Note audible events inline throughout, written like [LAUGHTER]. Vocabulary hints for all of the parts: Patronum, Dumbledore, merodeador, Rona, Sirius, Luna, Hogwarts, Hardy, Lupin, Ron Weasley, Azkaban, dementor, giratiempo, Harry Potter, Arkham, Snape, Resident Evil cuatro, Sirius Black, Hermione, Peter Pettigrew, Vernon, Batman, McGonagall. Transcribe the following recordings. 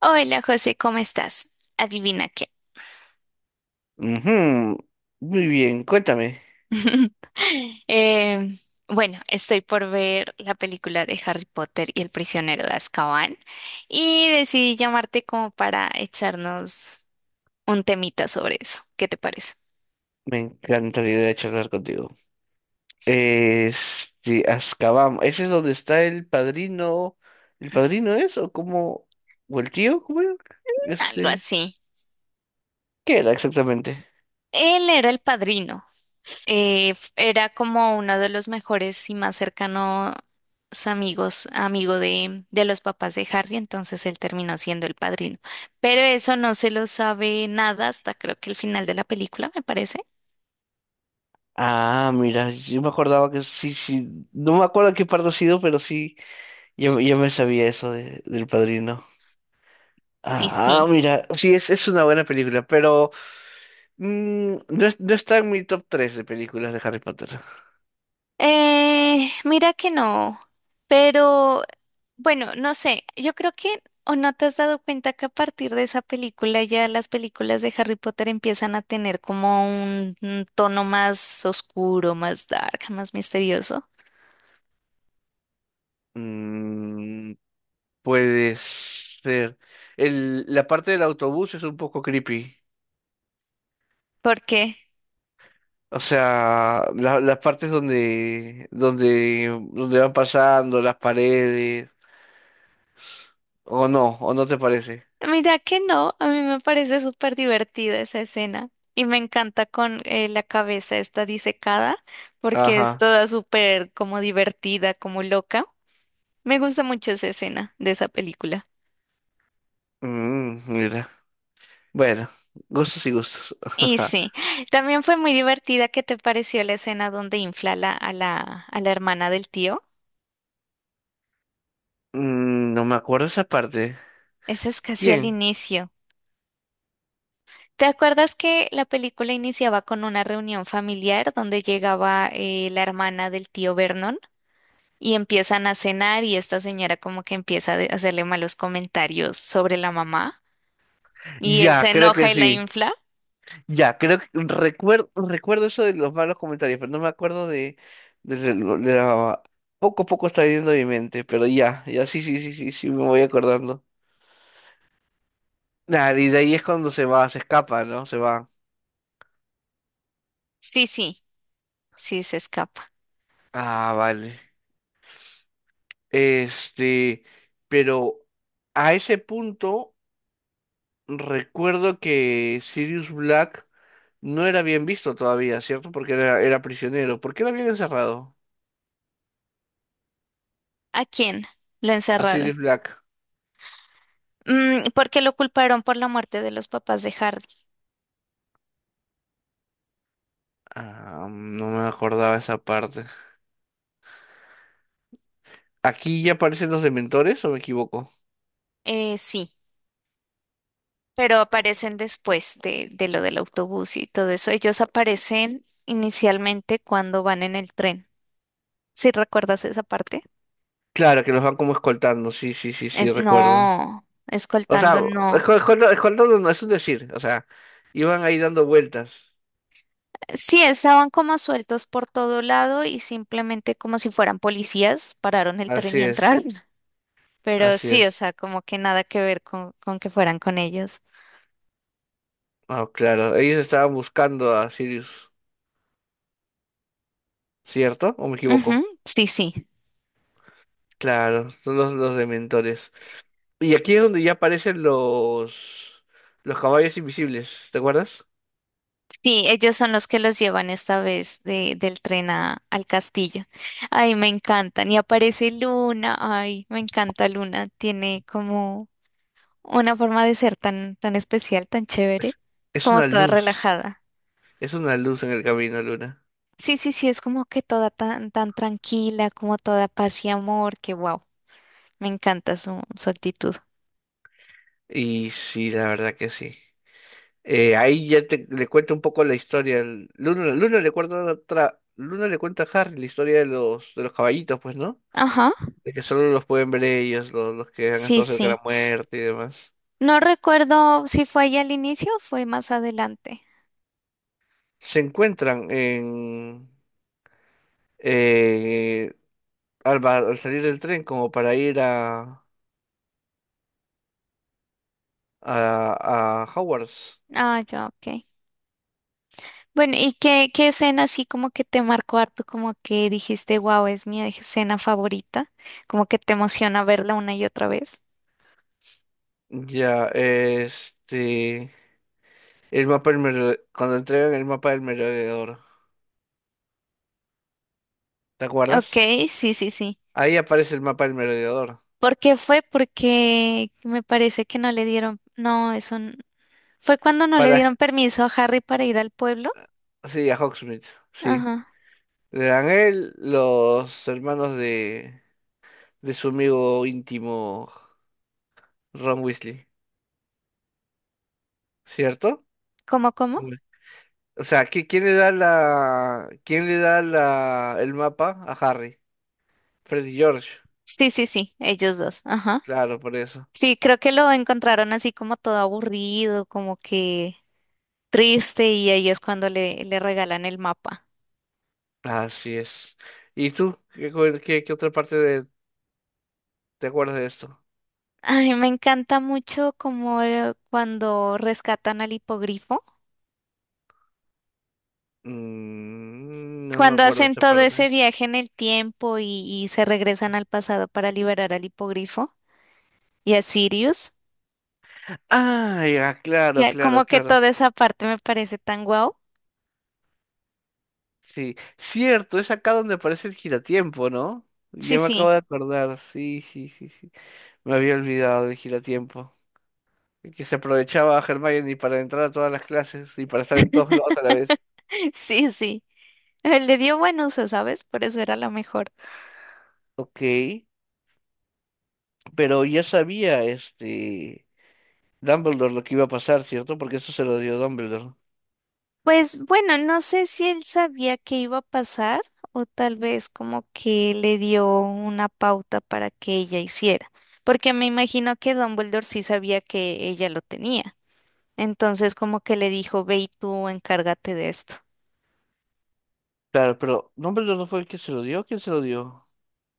Hola José, ¿cómo estás? Adivina qué. Ujú, muy bien, cuéntame. [LAUGHS] Eh, bueno, estoy por ver la película de Harry Potter y el prisionero de Azkaban y decidí llamarte como para echarnos un temita sobre eso. ¿Qué te parece? Me encanta la idea de charlar contigo. Este, Azkaban, ¿ese es donde está el padrino? ¿El padrino es o cómo? ¿O el tío? ¿Cómo era? Algo Este, así. ¿qué era exactamente? Él era el padrino. Era como uno de los mejores y más cercanos amigos, amigo de los papás de Harry, entonces él terminó siendo el padrino. Pero eso no se lo sabe nada hasta creo que el final de la película, me parece. Ah, mira, yo me acordaba que sí, sí, no me acuerdo qué parte ha sido, pero sí, yo me sabía eso del padrino. Sí, Ah, sí. mira, sí, es una buena película, pero no, no está en mi top 3 de películas de Harry Potter. Mira que no, pero bueno, no sé, yo creo que o no te has dado cuenta que a partir de esa película ya las películas de Harry Potter empiezan a tener como un tono más oscuro, más dark, más misterioso. Mm, puede ser. El, la parte del autobús es un poco creepy. Porque, O sea, las partes donde van pasando, las paredes, o no te parece. Mira que no, a mí me parece súper divertida esa escena y me encanta con la cabeza esta disecada, porque es Ajá. toda súper como divertida, como loca. Me gusta mucho esa escena de esa película. Mm, mira. Bueno, gustos y gustos. Y [LAUGHS] sí, también fue muy divertida. ¿Qué te pareció la escena donde infla la- a la, a la hermana del tío? Mm, no me acuerdo esa parte. Eso es casi al ¿Quién? inicio. ¿Te acuerdas que la película iniciaba con una reunión familiar donde llegaba la hermana del tío Vernon? Y empiezan a cenar y esta señora como que hacerle malos comentarios sobre la mamá y él se Ya, creo enoja que y la sí. infla. Ya, creo que recuerdo, recuerdo eso de los malos comentarios, pero no me acuerdo de la. Poco a poco está yendo mi mente, pero ya, ya sí, sí, sí, sí, sí, me voy acordando. Nah, y de ahí es cuando se va, se escapa, ¿no? Se va. Sí, sí, sí se escapa. Ah, vale. Este, pero a ese punto recuerdo que Sirius Black no era bien visto todavía, ¿cierto? Porque era prisionero. ¿Por qué lo habían encerrado? ¿A quién? Lo A encerraron. Sirius Black. Mm, porque lo culparon por la muerte de los papás de Hardy. Ah, no me acordaba esa parte. Aquí ya aparecen los dementores, ¿o me equivoco? Sí, pero aparecen después de lo del autobús y todo eso. Ellos aparecen inicialmente cuando van en el tren. ¿Sí recuerdas esa parte? Claro, que los van como escoltando, sí, sí, sí, sí, recuerdo. No, O sea, escoltando no. Escoltando no es un decir, o sea, iban ahí dando vueltas. Sí, estaban como sueltos por todo lado y simplemente como si fueran policías, pararon el tren Así y entraron. es, [LAUGHS] Pero así sí, o es. sea, como que nada que ver con que fueran con ellos. Ah, claro, ellos estaban buscando a Sirius, ¿cierto? ¿O me Ujú, equivoco? sí, sí. Claro, son los dementores. Y aquí es donde ya aparecen los caballos invisibles, ¿te acuerdas? Sí, ellos son los que los llevan esta vez del tren al castillo. Ay, me encantan. Y aparece Luna. Ay, me encanta Luna. Tiene como una forma de ser tan especial, tan chévere, Es como una toda luz, relajada. es una luz en el camino, Luna. Sí, sí, sí, es como que toda tan tranquila, como toda paz y amor, que wow, me encanta su actitud. Y sí, la verdad que sí. Ahí ya te, le cuento un poco la historia. Luna le cuenta a Harry la historia de de los caballitos, pues, ¿no? Ajá, De que solo los pueden ver ellos, los que han sí, estado cerca de sí. la muerte y demás. No recuerdo si fue ahí al inicio o fue más adelante. Se encuentran en eh, al, al salir del tren como para ir a Hogwarts. Ah, ya, ok. Bueno, ¿y qué escena así como que te marcó harto, como que dijiste, wow, es mi escena favorita, como que te emociona verla una y otra vez? Ya, este, el mapa del merode- cuando entregan el mapa del merodeador, ¿te Ok, acuerdas? sí, sí, sí. Ahí aparece el mapa del merodeador. ¿Por qué fue? Porque me parece que no le dieron, no, eso, Fue cuando no le Para dieron permiso a Harry para ir al pueblo. sí, a Hawksmith, sí. Ajá. Le dan él, los hermanos de su amigo íntimo Ron Weasley, ¿cierto? ¿Cómo, cómo? Hombre. O sea, ¿quién le da quién le da el mapa a Harry? Freddy George, Sí, sí, sí, ellos dos. Ajá. claro, por eso. Sí, creo que lo encontraron así como todo aburrido, como que triste, y ahí es cuando le regalan el mapa. Así es. ¿Y tú? ¿Qué otra parte de, te acuerdas de esto? Ay, me encanta mucho como cuando rescatan al hipogrifo, Mm, no me cuando acuerdo de hacen esa todo ese parte. viaje en el tiempo y se regresan al pasado para liberar al hipogrifo y a Sirius. Ah, ya, claro, Ya, claro, como que claro. toda esa parte me parece tan guau. Sí, cierto, es acá donde aparece el giratiempo, ¿no? Sí, Ya me acabo sí. de acordar, sí, sí, sí, sí. Me había olvidado del giratiempo. El que se aprovechaba a Hermione para entrar a todas las clases y para estar en todos lados [LAUGHS] a la vez. [LAUGHS] Sí, sí. Le dio buen uso, ¿sabes? Por eso era lo mejor. Ok, pero ya sabía este Dumbledore lo que iba a pasar, ¿cierto? Porque eso se lo dio Dumbledore. Pues bueno, no sé si él sabía que iba a pasar o tal vez como que le dio una pauta para que ella hiciera, porque me imagino que Dumbledore sí sabía que ella lo tenía. Entonces como que le dijo, ve y tú encárgate de esto. Claro, pero Dumbledore no fue el que se lo dio, ¿quién se lo dio?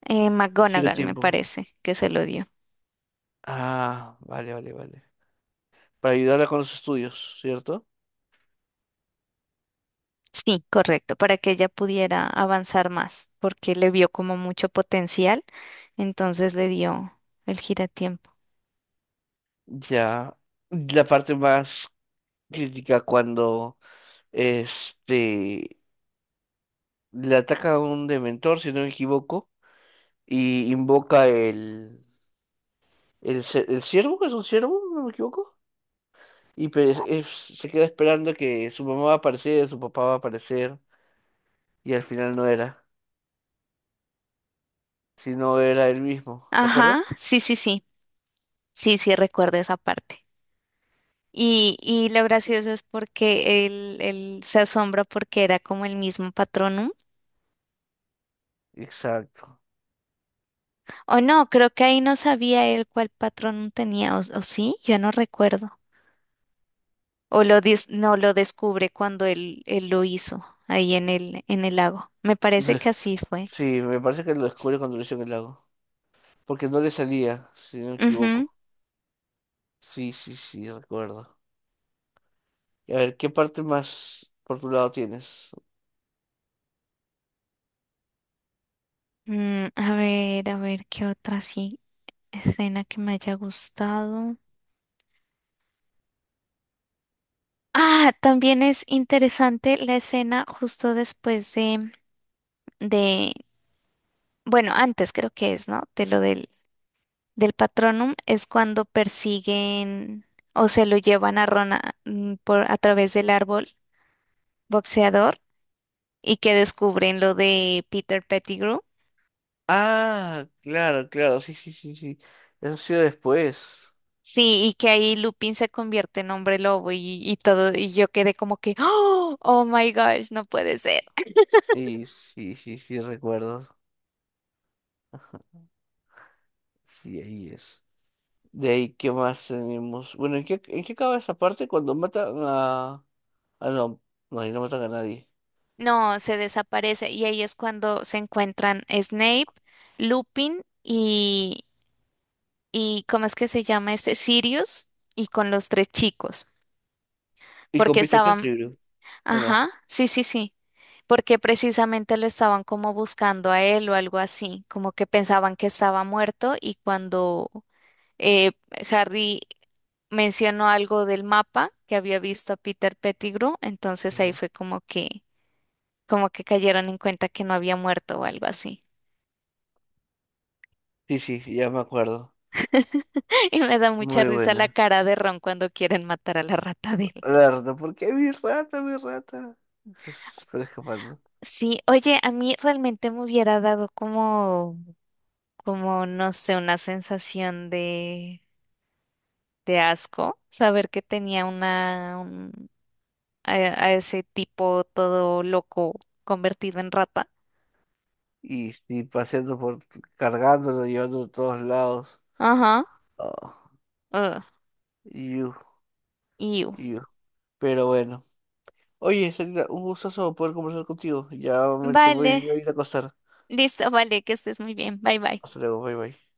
El McGonagall me giratiempo. parece que se lo dio. Ah, vale, vale, vale. Para ayudarla con los estudios, ¿cierto? Sí, correcto, para que ella pudiera avanzar más, porque le vio como mucho potencial, entonces le dio el giratiempo. Ya. La parte más crítica cuando este le ataca a un dementor, si no me equivoco, y invoca el ciervo, que es un ciervo, no me equivoco, y se queda esperando que su mamá va a aparecer, su papá va a aparecer, y al final no era, sino era él mismo, ¿te acuerdas? Ajá, sí, sí, sí, sí, sí, recuerdo esa parte. Y lo gracioso es porque él se asombra porque era como el mismo patronum. Exacto. O no, creo que ahí no sabía él cuál patronum tenía, o sí, yo no recuerdo. No lo descubre cuando él lo hizo ahí en en el lago. Me parece Le- que así fue. Sí, me parece que lo descubre cuando lo hizo en el lago, porque no le salía, si no me Ujú. equivoco. Sí, sí, sí, recuerdo. Y a ver, ¿qué parte más por tu lado tienes? Mm, a ver, ¿qué otra sí escena que me haya gustado? Ah, también es interesante la escena justo después de, bueno, antes creo que es, ¿no? De lo del Patronum, es cuando persiguen o se lo llevan a Rona a través del árbol boxeador y que descubren lo de Peter Pettigrew. Ah, claro, claro, sí, sí, sí, sí. Eso ha sido después. Sí, y que ahí Lupin se convierte en hombre lobo y todo, y yo quedé como que, oh, oh my gosh, no puede ser. Y sí, sí, sí, recuerdo. Sí, ahí es. De ahí, ¿qué más tenemos? Bueno, en qué acaba esa parte cuando matan a... ah, no, no, ahí no matan a nadie. No, se desaparece y ahí es cuando se encuentran Snape, Lupin y ¿cómo es que se llama este? Sirius y con los tres chicos, Y con porque Peter estaban, Pettigrew, ¿o no? ajá, sí, sí, sí, porque precisamente lo estaban como buscando a él o algo así, como que pensaban que estaba muerto y cuando eh, Harry mencionó algo del mapa que había visto a Peter Pettigrew, entonces ahí Ujú. fue como que cayeron en cuenta que no había muerto o algo así. Sí, sí, sí, ya me acuerdo. [LAUGHS] Y me da mucha Muy risa la buena. cara de Ron cuando quieren matar a la rata de él. La rata, ¿por qué mi rata, mi rata? Es- pero escapando. Sí, oye, a mí realmente me hubiera dado como, como, no sé, una sensación de asco saber que tenía a ese tipo todo loco convertido en rata. Y paseando por... cargándolo, llevándolo a todos lados. Ajá. Oh, Ugh, you. iu. You. Pero bueno. Oye, Sarita, un gustazo poder conversar contigo. Ya me, se voy Vale, a ir a acostar. listo, vale, que estés muy bien. Bye bye. Hasta luego, bye bye.